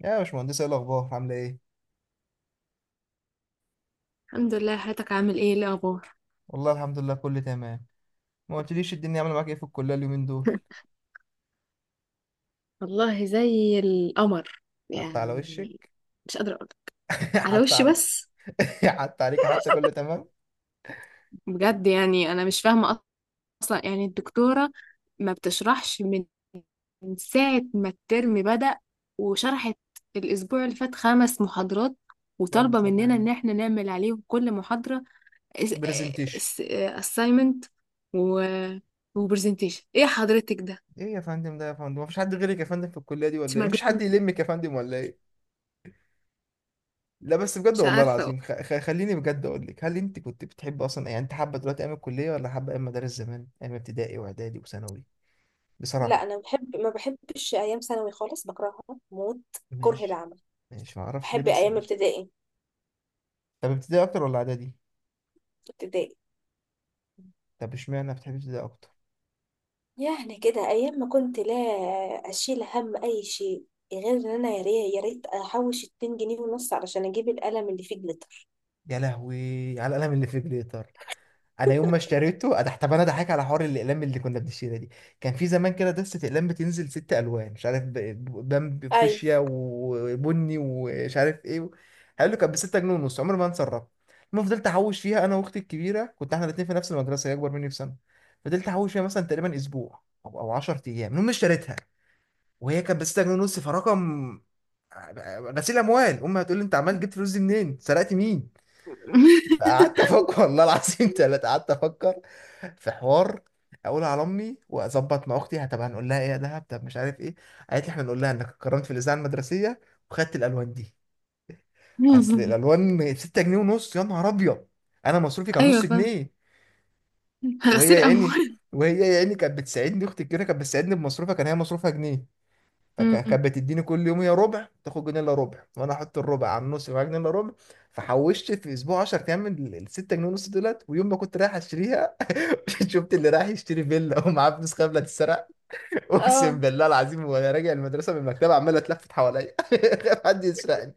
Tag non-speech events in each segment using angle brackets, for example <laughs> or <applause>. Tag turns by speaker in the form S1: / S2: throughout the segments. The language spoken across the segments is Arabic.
S1: يا باشمهندس, ايه الاخبار؟ عامله ايه؟
S2: الحمد لله. حياتك، عامل ايه؟ إيه الاخبار؟
S1: والله الحمد لله كله تمام. ما قلتليش الدنيا عامله معاك ايه في الكليه اليومين دول؟
S2: والله زي القمر،
S1: حتى على
S2: يعني.
S1: وشك.
S2: مش قادرة أقول.
S1: <laughs>
S2: على
S1: حتى
S2: وشي
S1: على.
S2: بس.
S1: <laughs> حتى عليك, حتى كله تمام.
S2: بجد يعني انا مش فاهمه اصلا، يعني الدكتوره ما بتشرحش من ساعه ما الترم بدأ، وشرحت الاسبوع اللي فات 5 محاضرات،
S1: اللهم
S2: وطالبه
S1: صل على
S2: مننا
S1: النبي.
S2: ان احنا نعمل عليهم كل محاضره
S1: برزنتيشن؟
S2: assignment و وبرزنتيشن. ايه حضرتك ده؟
S1: ايه يا فندم ده؟ يا فندم مفيش حد غيرك يا فندم في الكليه دي
S2: انت
S1: ولا ايه؟ مفيش حد
S2: مجنونه!
S1: يلمك يا فندم ولا ايه؟ لا بس بجد
S2: مش
S1: والله
S2: عارفه.
S1: العظيم, خليني بجد اقول لك, هل انت كنت بتحب اصلا؟ يعني انت حابه دلوقتي ايام الكليه ولا حابه ايام مدارس زمان, ايام ابتدائي واعدادي وثانوي؟
S2: لا
S1: بصراحه.
S2: انا بحب، ما بحبش ايام ثانوي خالص، بكرهها موت. كره
S1: ماشي.
S2: العمل.
S1: ماشي ما اعرفش ليه,
S2: بحب
S1: بس
S2: ايام
S1: ماشي.
S2: ابتدائي.
S1: طب ابتدائي اكتر ولا اعدادي؟
S2: ابتدائي.
S1: طب اشمعنى بتحب ده اكتر؟
S2: يعني كده ايام ما كنت لا اشيل هم اي شيء، غير ان انا يا ريت يا ريت احوش 2 جنيه ونص علشان اجيب القلم اللي فيه جليتر.
S1: يا لهوي على القلم اللي في جليتر. انا يوم ما اشتريته انا, طب انا ضحك على حوار الاقلام اللي كنا بنشتريها دي. كان في زمان كده دستة اقلام بتنزل ست الوان مش عارف بامبي,
S2: ايوه.
S1: فوشيا وبني ومش عارف ايه. حلو. كانت ب 6 جنيه ونص, عمري ما انسى الرقم. المهم فضلت احوش فيها انا واختي الكبيره, كنت احنا الاثنين في نفس المدرسه, هي اكبر مني بسنه. فضلت احوش فيها مثلا تقريبا اسبوع او 10 ايام, المهم اشتريتها وهي كانت ب 6 جنيه ونص, فرقم غسيل اموال. امي هتقول لي انت عمال جبت فلوس دي منين, سرقت مين؟ قعدت افكر <laughs> والله العظيم ثلاثة, قعدت افكر في حوار اقول على امي, واظبط مع اختي طب هنقول لها ايه يا دهب؟ طب مش عارف ايه. قالت لي احنا نقول لها انك اتكرمت في الاذاعه المدرسيه وخدت الالوان دي. اصل
S2: <laughs>
S1: الالوان 6 جنيه ونص, يا نهار ابيض. انا مصروفي كان
S2: ايوه،
S1: نص
S2: فاهم.
S1: جنيه, وهي
S2: غسيل
S1: يا عيني,
S2: اموال. <laughs>
S1: وهي يا عيني كانت بتساعدني, اختي الكبيره كانت بتساعدني بمصروفها, كان هي مصروفها جنيه,
S2: مم.
S1: فكانت بتديني كل يوم يا ربع, تاخد جنيه الا ربع وانا احط الربع على النص يبقى معايا جنيه الا ربع. فحوشت في اسبوع, 10 ايام, من ال 6 جنيه ونص دولت, ويوم ما كنت رايح اشتريها <laughs> شفت اللي رايح يشتري فيلا <laughs> ومعاه فلوس قبل تتسرق.
S2: اه.
S1: اقسم بالله العظيم وانا راجع المدرسه من المكتبه عمال اتلفت حواليا <laughs> خايف حد يسرقني.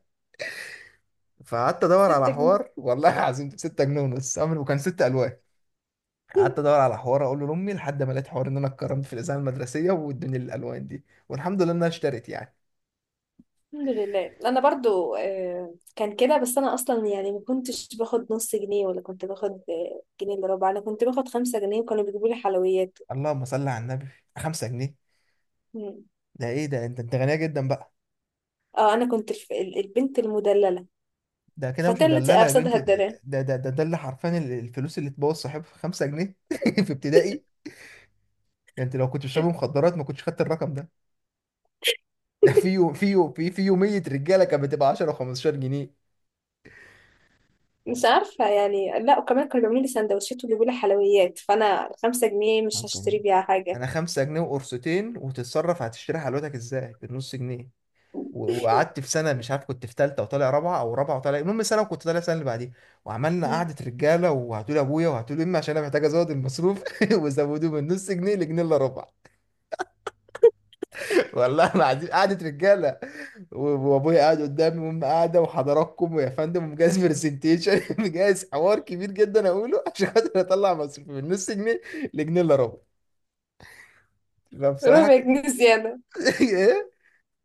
S1: فقعدت ادور على
S2: 6 جنيه.
S1: حوار, والله العظيم 6 جنيه ونص وكان ست الوان. قعدت
S2: <laughs>
S1: ادور على حوار اقول له لامي لحد ما لقيت حوار ان انا اتكرمت في الاذاعه المدرسيه وادوني الالوان دي, والحمد لله انها اشترت يعني.
S2: الحمد لله انا برضو كان كده، بس انا اصلا يعني ما كنتش باخد نص جنيه، ولا كنت باخد جنيه الا ربع. انا كنت باخد 5 جنيه، وكانوا بيجيبوا لي حلويات.
S1: اللهم صل على النبي. 5 جنيه؟
S2: مم.
S1: ده ايه ده, انت غنيه جدا بقى.
S2: اه، انا كنت البنت المدللة.
S1: ده كده مش
S2: الفتاة التي
S1: مدلله يا
S2: افسدها
S1: بنتي ده.
S2: الدلال.
S1: ده ده اللي حرفيا الفلوس اللي تبوظ صاحبها, 5 جنيه <laughs> في ابتدائي. ده انت لو كنت بتشرب مخدرات ما كنتش خدت الرقم ده. ده في يو في يو في في يوميه رجاله كانت بتبقى 10 و15 جنيه.
S2: مش عارفة يعني. لا، وكمان كانوا بيعملوا لي سندوتشات ويجيبوا لي حلويات، فانا الـ5 جنيه مش
S1: 5 جنيه.
S2: هشتري بيها حاجة.
S1: انا 5 جنيه وقرصتين وتتصرف, هتشتري حلوتك ازاي بالنص جنيه؟ وقعدت في سنه, مش عارف كنت في ثالثه وطالع رابعه او رابعه وطالع, المهم سنه وكنت طالع السنه اللي بعديها, وعملنا
S2: مم.
S1: قعده رجاله وهاتوا لي ابويا وهاتوا لي امي, عشان انا محتاج ازود المصروف <laughs> وزودوه من نص جنيه لجنيه الا ربع. والله العظيم قعده رجاله, و- وابويا قاعد قدامي وامي قاعده وحضراتكم ويا فندم, ومجهز برزنتيشن <laughs> مجهز حوار كبير جدا اقوله عشان خاطر اطلع مصروفي من نص جنيه لجنيه الا ربع. فبصراحه.
S2: ربع جنيه زيادة.
S1: <laughs> ايه.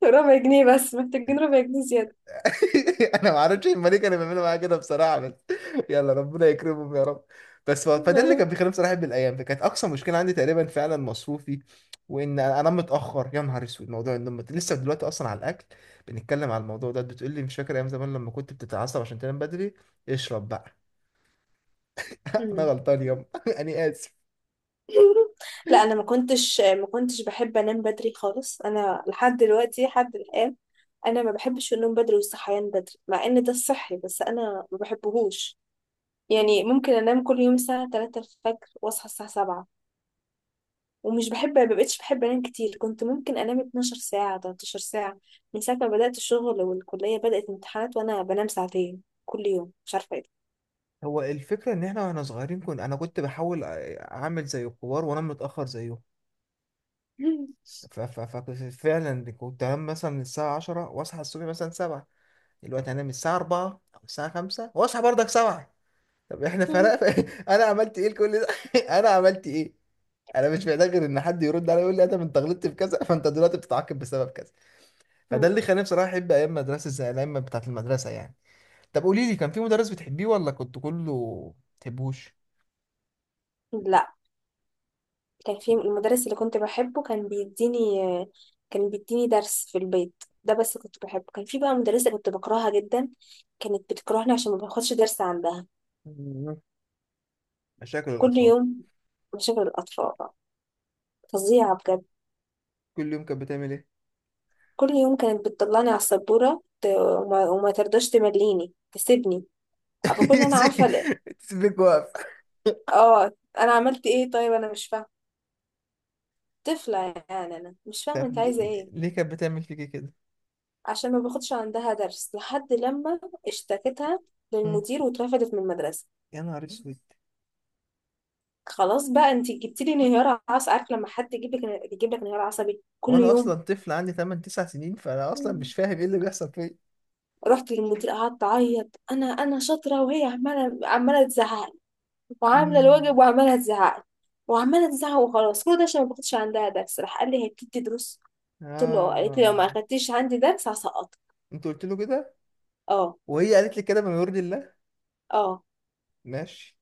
S2: ربع جنيه بس، محتاجين ربع جنيه زيادة.
S1: <laughs> انا ما اعرفش الملك كان بيعملوا معايا كده بصراحه, بس <laughs> يلا ربنا يكرمهم يا رب. بس فده اللي كان بيخليني بصراحه بالايام, فكانت اقصى مشكله عندي تقريبا فعلا مصروفي, وان انام متاخر. يا نهار اسود, موضوع النوم لسه دلوقتي, اصلا على الاكل بنتكلم على الموضوع ده, بتقول لي مش فاكر ايام زمان لما كنت بتتعصب عشان تنام بدري؟ اشرب بقى. <laughs> انا
S2: مم.
S1: غلطان يوم, <laughs> انا اسف.
S2: لا، انا ما كنتش بحب انام بدري خالص. انا لحد دلوقتي، لحد الان، انا ما بحبش النوم بدري والصحيان بدري، مع ان ده الصحي بس انا ما بحبهوش. يعني ممكن انام كل يوم الساعه 3 الفجر واصحى الساعه 7. ومش بحب، ما بقتش بحب انام كتير. كنت ممكن انام 12 ساعه، 13 ساعه. من ساعه ما بدات الشغل والكليه بدات امتحانات وانا بنام 2 ساعه كل يوم. مش عارفه ايه.
S1: هو الفكره ان احنا واحنا صغيرين كنا, انا كنت بحاول اعمل زي الكبار وانام متاخر زيهم,
S2: ده.
S1: فكنت فعلا كنت انام مثلا الساعه 10 واصحى الصبح مثلا 7. دلوقتي هنام الساعة 4 أو الساعة 5 وأصحى برضك 7. طب إحنا فرق. <laughs> أنا عملت إيه لكل ده؟ <laughs> أنا عملت إيه؟ أنا مش محتاج غير إن حد يرد عليا يقول لي أدم أنت غلطت في كذا فأنت دلوقتي بتتعاقب بسبب كذا. فده اللي خلاني بصراحة أحب أيام مدرسة زي الأيام بتاعة المدرسة يعني. طب قولي لي, كان في مدرس بتحبيه ولا كنت كله ما بتحبوش؟
S2: <laughs> لا، كان في المدرس اللي كنت بحبه، كان بيديني، كان بيديني درس في البيت ده، بس كنت بحبه. كان في بقى مدرسة كنت بكرهها جدا. كانت بتكرهني عشان ما باخدش درس عندها.
S1: مم. مشاكل
S2: كل
S1: الأطفال.
S2: يوم. مشاكل الأطفال. فظيعة بجد.
S1: كل يوم كانت بتعمل إيه؟
S2: كل يوم كانت بتطلعني على السبورة وما ترضاش تمليني تسيبني. بكون أنا عارفة
S1: <laughs>
S2: ليه.
S1: سيبك واقف.
S2: اه. أنا عملت إيه؟ طيب أنا مش فاهمة. طفلة. يعني أنا مش فاهمة
S1: طب
S2: أنت
S1: ليه
S2: عايزة إيه.
S1: ليه كانت بتعمل فيكي كده؟
S2: عشان ما باخدش عندها درس، لحد لما اشتكتها
S1: مم.
S2: للمدير واترفدت من المدرسة.
S1: يا نهار اسود.
S2: خلاص بقى، انت جبت لي انهيار عصبي. عارف لما حد يجيب لك، يجيب لك انهيار عصبي كل
S1: وانا اصلا
S2: يوم.
S1: طفل عندي 8 9 سنين, فانا اصلا
S2: مم.
S1: مش فاهم ايه اللي بيحصل فيا.
S2: رحت للمدير، قعدت اعيط. انا شاطره، وهي عماله تزعق لي، وعامله
S1: مم.
S2: الواجب، وعماله تزعق لي، وعماله تزعق. وخلاص، كل ده عشان ما باخدش عندها درس. راح قال لي هي بتدي دروس؟ قلت له اه، قالت لي لو ما
S1: اه.
S2: اخدتيش عندي درس هسقطك.
S1: انت قلت له كده؟
S2: اه.
S1: وهي قالت لي كده؟ من يرضي الله.
S2: اه.
S1: ماشي.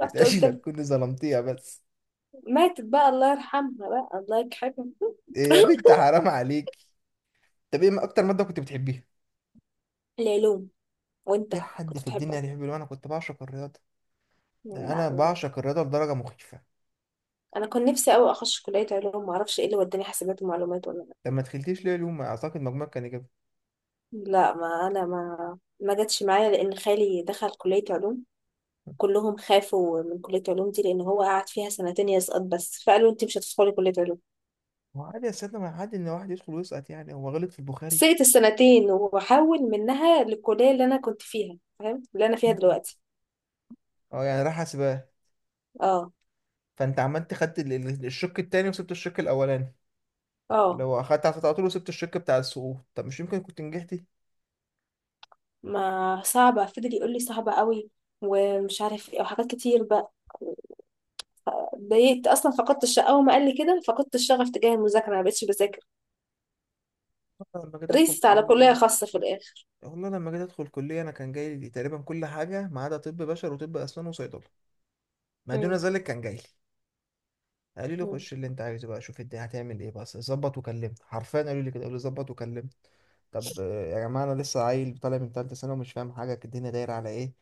S2: رحت
S1: اتقاشي
S2: قلت له.
S1: لك كنت ظلمتيها بس.
S2: ماتت بقى، الله يرحمها بقى، الله يكحبها.
S1: إيه يا بنت, حرام عليك. طب ايه اكتر ماده كنت بتحبيها؟
S2: العلوم. وانت؟
S1: في حد
S2: كنت
S1: في
S2: بتحبها؟
S1: الدنيا بيحب العلوم؟ انا كنت بعشق الرياضه. ده
S2: لا
S1: انا
S2: ممكن.
S1: بعشق الرياضه لدرجه مخيفه.
S2: انا كنت نفسي قوي اخش كليه علوم، ما اعرفش ايه اللي وداني حاسبات ومعلومات ولا.
S1: طب ما دخلتيش ليه علوم؟ اعتقد مجموعك كان جاب.
S2: لا، ما انا ما جاتش معايا، لان خالي دخل كليه علوم. كلهم خافوا من كليه علوم دي لان هو قعد فيها 2 سنين يسقط بس، فقالوا انت مش هتدخلي كليه علوم.
S1: هو عادي يا سيدنا, ما عادي ان واحد يدخل ويسقط, يعني هو غلط في البخاري؟
S2: سقت الـ2 سنين وحول منها للكليه اللي انا كنت فيها، فاهم اللي انا فيها
S1: مم.
S2: دلوقتي.
S1: اه, يعني راح حاسبات.
S2: اه.
S1: فانت عملت خدت الشق التاني وسبت الشق الاولاني, اللي
S2: اه.
S1: هو اخدت على طول وسبت الشق بتاع السقوط. طب مش يمكن كنت نجحت؟
S2: ما صعبه، فضل يقول لي صعبه قوي ومش عارف ايه وحاجات كتير بقى. اتضايقت اصلا، فقدت الش اول ما قال لي كده فقدت الشغف تجاه المذاكره، ما بقتش بذاكر.
S1: والله لما جيت ادخل
S2: ريست على كليه
S1: كليه,
S2: خاصه في الاخر.
S1: والله لما جيت ادخل كليه, انا كان جاي لي تقريبا كل حاجه ما عدا طب بشر وطب اسنان وصيدله. ما دون
S2: مم.
S1: ذلك كان جاي لي. قالوا لي
S2: مم.
S1: خش اللي انت عايزه بقى, شوف انت هتعمل ايه, بس ظبط وكلمني. حرفيا قالوا لي كده, قالوا لي ظبط وكلمني. طب يا جماعه انا لسه عيل طالع من ثالثه ثانوي ومش فاهم حاجه الدنيا دايره على ايه,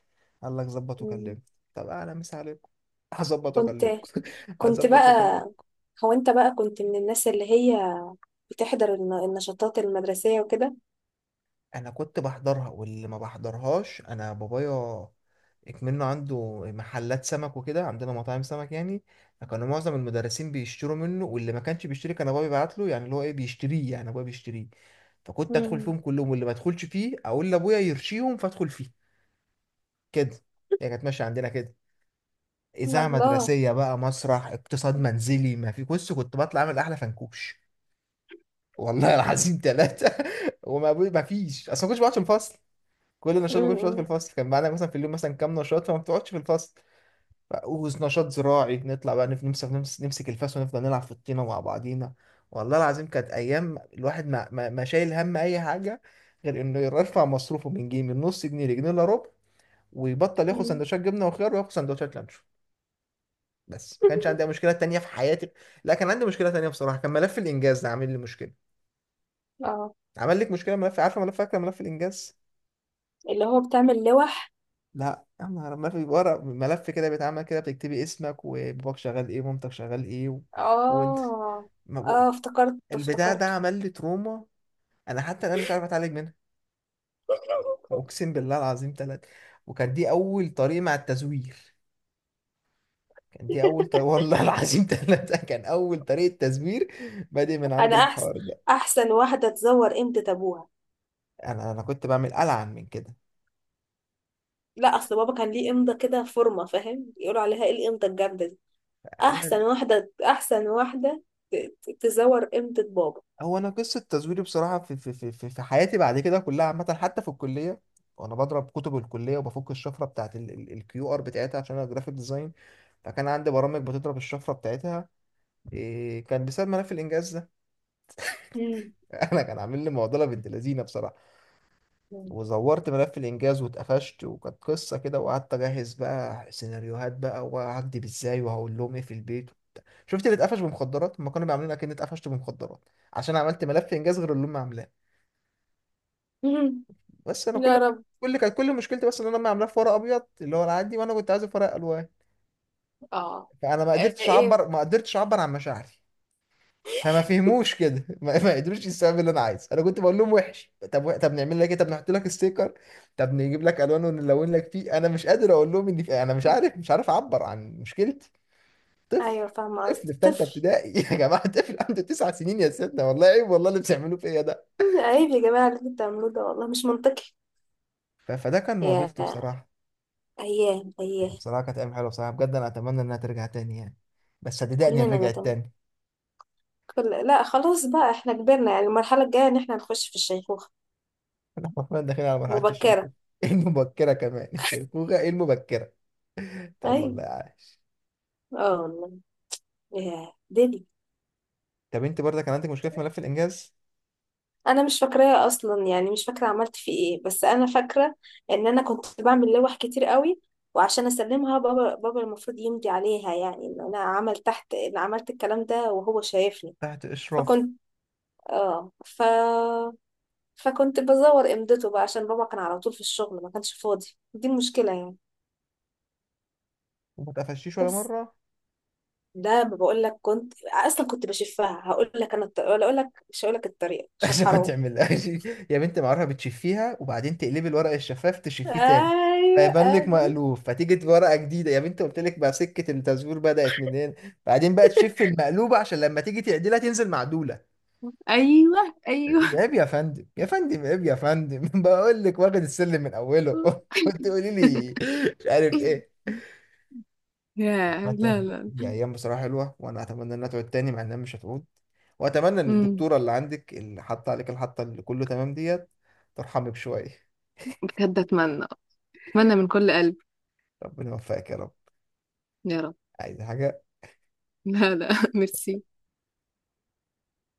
S1: قال لك ظبط
S2: مم.
S1: وكلمني؟ طب انا مس عليكم, هظبط
S2: كنت
S1: واكلمكم. <laughs>
S2: كنت
S1: هظبط
S2: بقى،
S1: واكلمكم.
S2: هو انت بقى كنت من الناس اللي هي بتحضر النشاطات المدرسيه وكده؟
S1: انا كنت بحضرها, واللي ما بحضرهاش انا بابايا. منه عنده محلات سمك وكده, عندنا مطاعم سمك يعني, فكانوا معظم المدرسين بيشتروا منه, واللي ما كانش بيشتري كان ابويا بيبعت له, يعني اللي هو ايه بيشتريه, يعني ابويا بيشتريه. فكنت ادخل
S2: مم.
S1: فيهم كلهم, واللي ما ادخلش فيه اقول لابويا يرشيهم فادخل فيه. كده. هي كانت ماشيه عندنا كده. اذاعه
S2: الله.
S1: مدرسيه بقى, مسرح, اقتصاد منزلي, ما في, بص, كنت بطلع اعمل احلى فنكوش. والله العظيم ثلاثه. <laughs> وما ما فيش اصلا ما كنتش بقعد في الفصل. كل نشاط ما كنتش بتقعد في
S2: مم.
S1: الفصل, كان معانا مثلا في اليوم مثلا كام نشاط فما بتقعدش في الفصل. ونشاط زراعي نطلع بقى نف- نمسك نمس- نمسك الفاس ونفضل نلعب في الطينة مع بعضينا. والله العظيم كانت أيام الواحد ما شايل هم أي حاجة, غير إنه يرفع مصروفه من جنيه, من نص جنيه لجنيه إلا ربع, ويبطل ياخد
S2: مم.
S1: سندوتشات جبنة وخيار وياخد سندوتشات لانشو. بس ما كانش عندي أي
S2: <laughs>
S1: مشكلة تانية في حياتي. لا كان عندي مشكلة تانية بصراحة, كان ملف الإنجاز ده عامل لي مشكلة.
S2: اه.
S1: عمل لك مشكلة ملف؟ عارفة ملف, فاكرة ملف الإنجاز؟
S2: اللي هو بتعمل لوح.
S1: لا يا نهار, ما في ورق ملف كده بيتعمل كده بتكتبي اسمك وباباك شغال ايه ومامتك شغال ايه وانت
S2: اه.
S1: ما بق...
S2: اه، افتكرته
S1: البتاع ده
S2: افتكرته.
S1: عمل لي تروما. انا حتى انا مش عارف اتعالج منها. اقسم بالله العظيم ثلاثة. وكان دي اول طريقة مع التزوير, كان دي اول طريقة,
S2: <laughs>
S1: والله <laughs> العظيم ثلاثة كان اول طريقة تزوير بادئ من عند
S2: انا احسن.
S1: الحوار ده.
S2: احسن واحده تزور قيمه ابوها.
S1: انا كنت بعمل العن من كده.
S2: لا، اصل بابا كان ليه امضه كده فورمه، فاهم؟ يقولوا عليها ايه، الامضه الجامده دي.
S1: انا
S2: احسن واحده، احسن واحده تزور امضه بابا.
S1: هو انا قصه تزويري بصراحه في حياتي بعد كده كلها عامه حتى في الكليه, وانا بضرب كتب الكليه وبفك الشفره بتاعت الكيو ار بتاعتها عشان انا جرافيك ديزاين, فكان عندي برامج بتضرب الشفره بتاعتها. إيه؟ كان بسبب ملف الانجاز ده.
S2: مم.
S1: <laughs> انا كان عامل لي معضله بنت لذينه بصراحه.
S2: <laughs> مم.
S1: وزورت ملف الانجاز واتقفشت, وكانت قصه كده, وقعدت اجهز بقى سيناريوهات بقى وهكدب ازاي وهقول لهم ايه في البيت. شفت اللي اتقفش بمخدرات, ما كانوا بيعملونا كأني اتقفشت بمخدرات عشان عملت ملف انجاز غير اللي هم عاملاه.
S2: مم.
S1: بس انا
S2: يا رب.
S1: كل مشكلتي بس ان انا ما عاملاه في ورق ابيض اللي هو العادي, وانا كنت عايزه في ورق الوان.
S2: اه.
S1: فانا ما قدرتش
S2: ايه؟
S1: اعبر, ما قدرتش اعبر عن مشاعري, فما فهموش كده. <laughs> ما قدروش السبب اللي انا عايزه. انا كنت بقول لهم وحش, طب طب نعمل لك ايه, طب نحط لك ستيكر, طب نجيب لك الوان ونلون لك فيه. انا مش قادر اقول لهم اني انا مش عارف, مش عارف اعبر عن مشكلتي. طفل,
S2: ايوه فاهمه
S1: طفل
S2: قصدي،
S1: في ثالثه
S2: طفل.
S1: ابتدائي. <laughs> يا جماعه, طفل عنده 9 سنين يا سيدنا, والله عيب, والله اللي بتعملوه فيا ده.
S2: عيب يا جماعه اللي انتوا بتعملوه ده، والله مش منطقي.
S1: فده كان
S2: يا
S1: معضلتي بصراحه.
S2: ايام، ايام.
S1: بصراحة كانت أيام حلوة بصراحة بجد, أنا أتمنى إنها ترجع تاني يعني. بس صدقني إن
S2: كلنا
S1: رجعت
S2: نتم.
S1: تاني.
S2: لا خلاص بقى، احنا كبرنا، يعني المرحله الجايه ان احنا نخش في الشيخوخه.
S1: <laughs> إحنا حرفيا داخلين على مرحلة الشيخوخة.
S2: مبكره.
S1: <laughs> إيه المبكرة كمان, الشيخوخة إيه المبكرة. طب والله
S2: ايوه.
S1: عاش.
S2: اه والله. يا دنيا.
S1: طب أنت برضه كان عندك مشكلة في ملف الإنجاز؟
S2: انا مش فاكراها اصلا يعني، مش فاكره عملت فيه ايه، بس انا فاكره ان انا كنت بعمل لوح كتير قوي، وعشان اسلمها بابا، المفروض يمضي عليها يعني. ان انا عملت تحت، ان عملت الكلام ده وهو شايفني.
S1: تحت إشراف.
S2: فكنت اه ف فكنت بزور امضته بقى عشان بابا كان على طول في الشغل ما كانش فاضي. دي المشكله يعني.
S1: وما تقفشيش ولا
S2: بس
S1: مرة؟
S2: ده، ما بقول لك كنت اصلا كنت بشفها. هقول لك انا ولا اقول لك، مش هقول لك الطريقه
S1: <laughs>
S2: عشان
S1: عشان ما
S2: حرام.
S1: تعملهاش. يا بنت معرفة, بتشفيها وبعدين تقلبي الورق الشفاف تشفيه تاني
S2: ايوه
S1: فيبان لك
S2: ايوه.
S1: مألوف فتيجي ورقة جديدة, يا بنت قلت لك بقى سكة التزوير بدأت منين. بعدين بقى تشف المقلوبة عشان لما تيجي تعدلها تنزل معدولة.
S2: ايوه ايوه.
S1: عيب يا فندم, يا فندم عيب يا فندم. <laughs> بقول لك واخد السلم من اوله. <laughs> وتقولي
S2: <laughs>
S1: لي مش عارف ايه.
S2: يا، لا
S1: عامة
S2: لا.
S1: دي ايام بصراحه حلوه وانا اتمنى انها تعود تاني, مع انها مش هتعود. واتمنى ان
S2: مم.
S1: الدكتوره اللي عندك اللي حاطه عليك الحطه اللي كله تمام ديت ترحمك شويه.
S2: بجد اتمنى. اتمنى من كل قلب.
S1: ربنا يوفقك يا رب.
S2: يا رب.
S1: عايز حاجه؟
S2: لا لا. <laughs> ميرسي.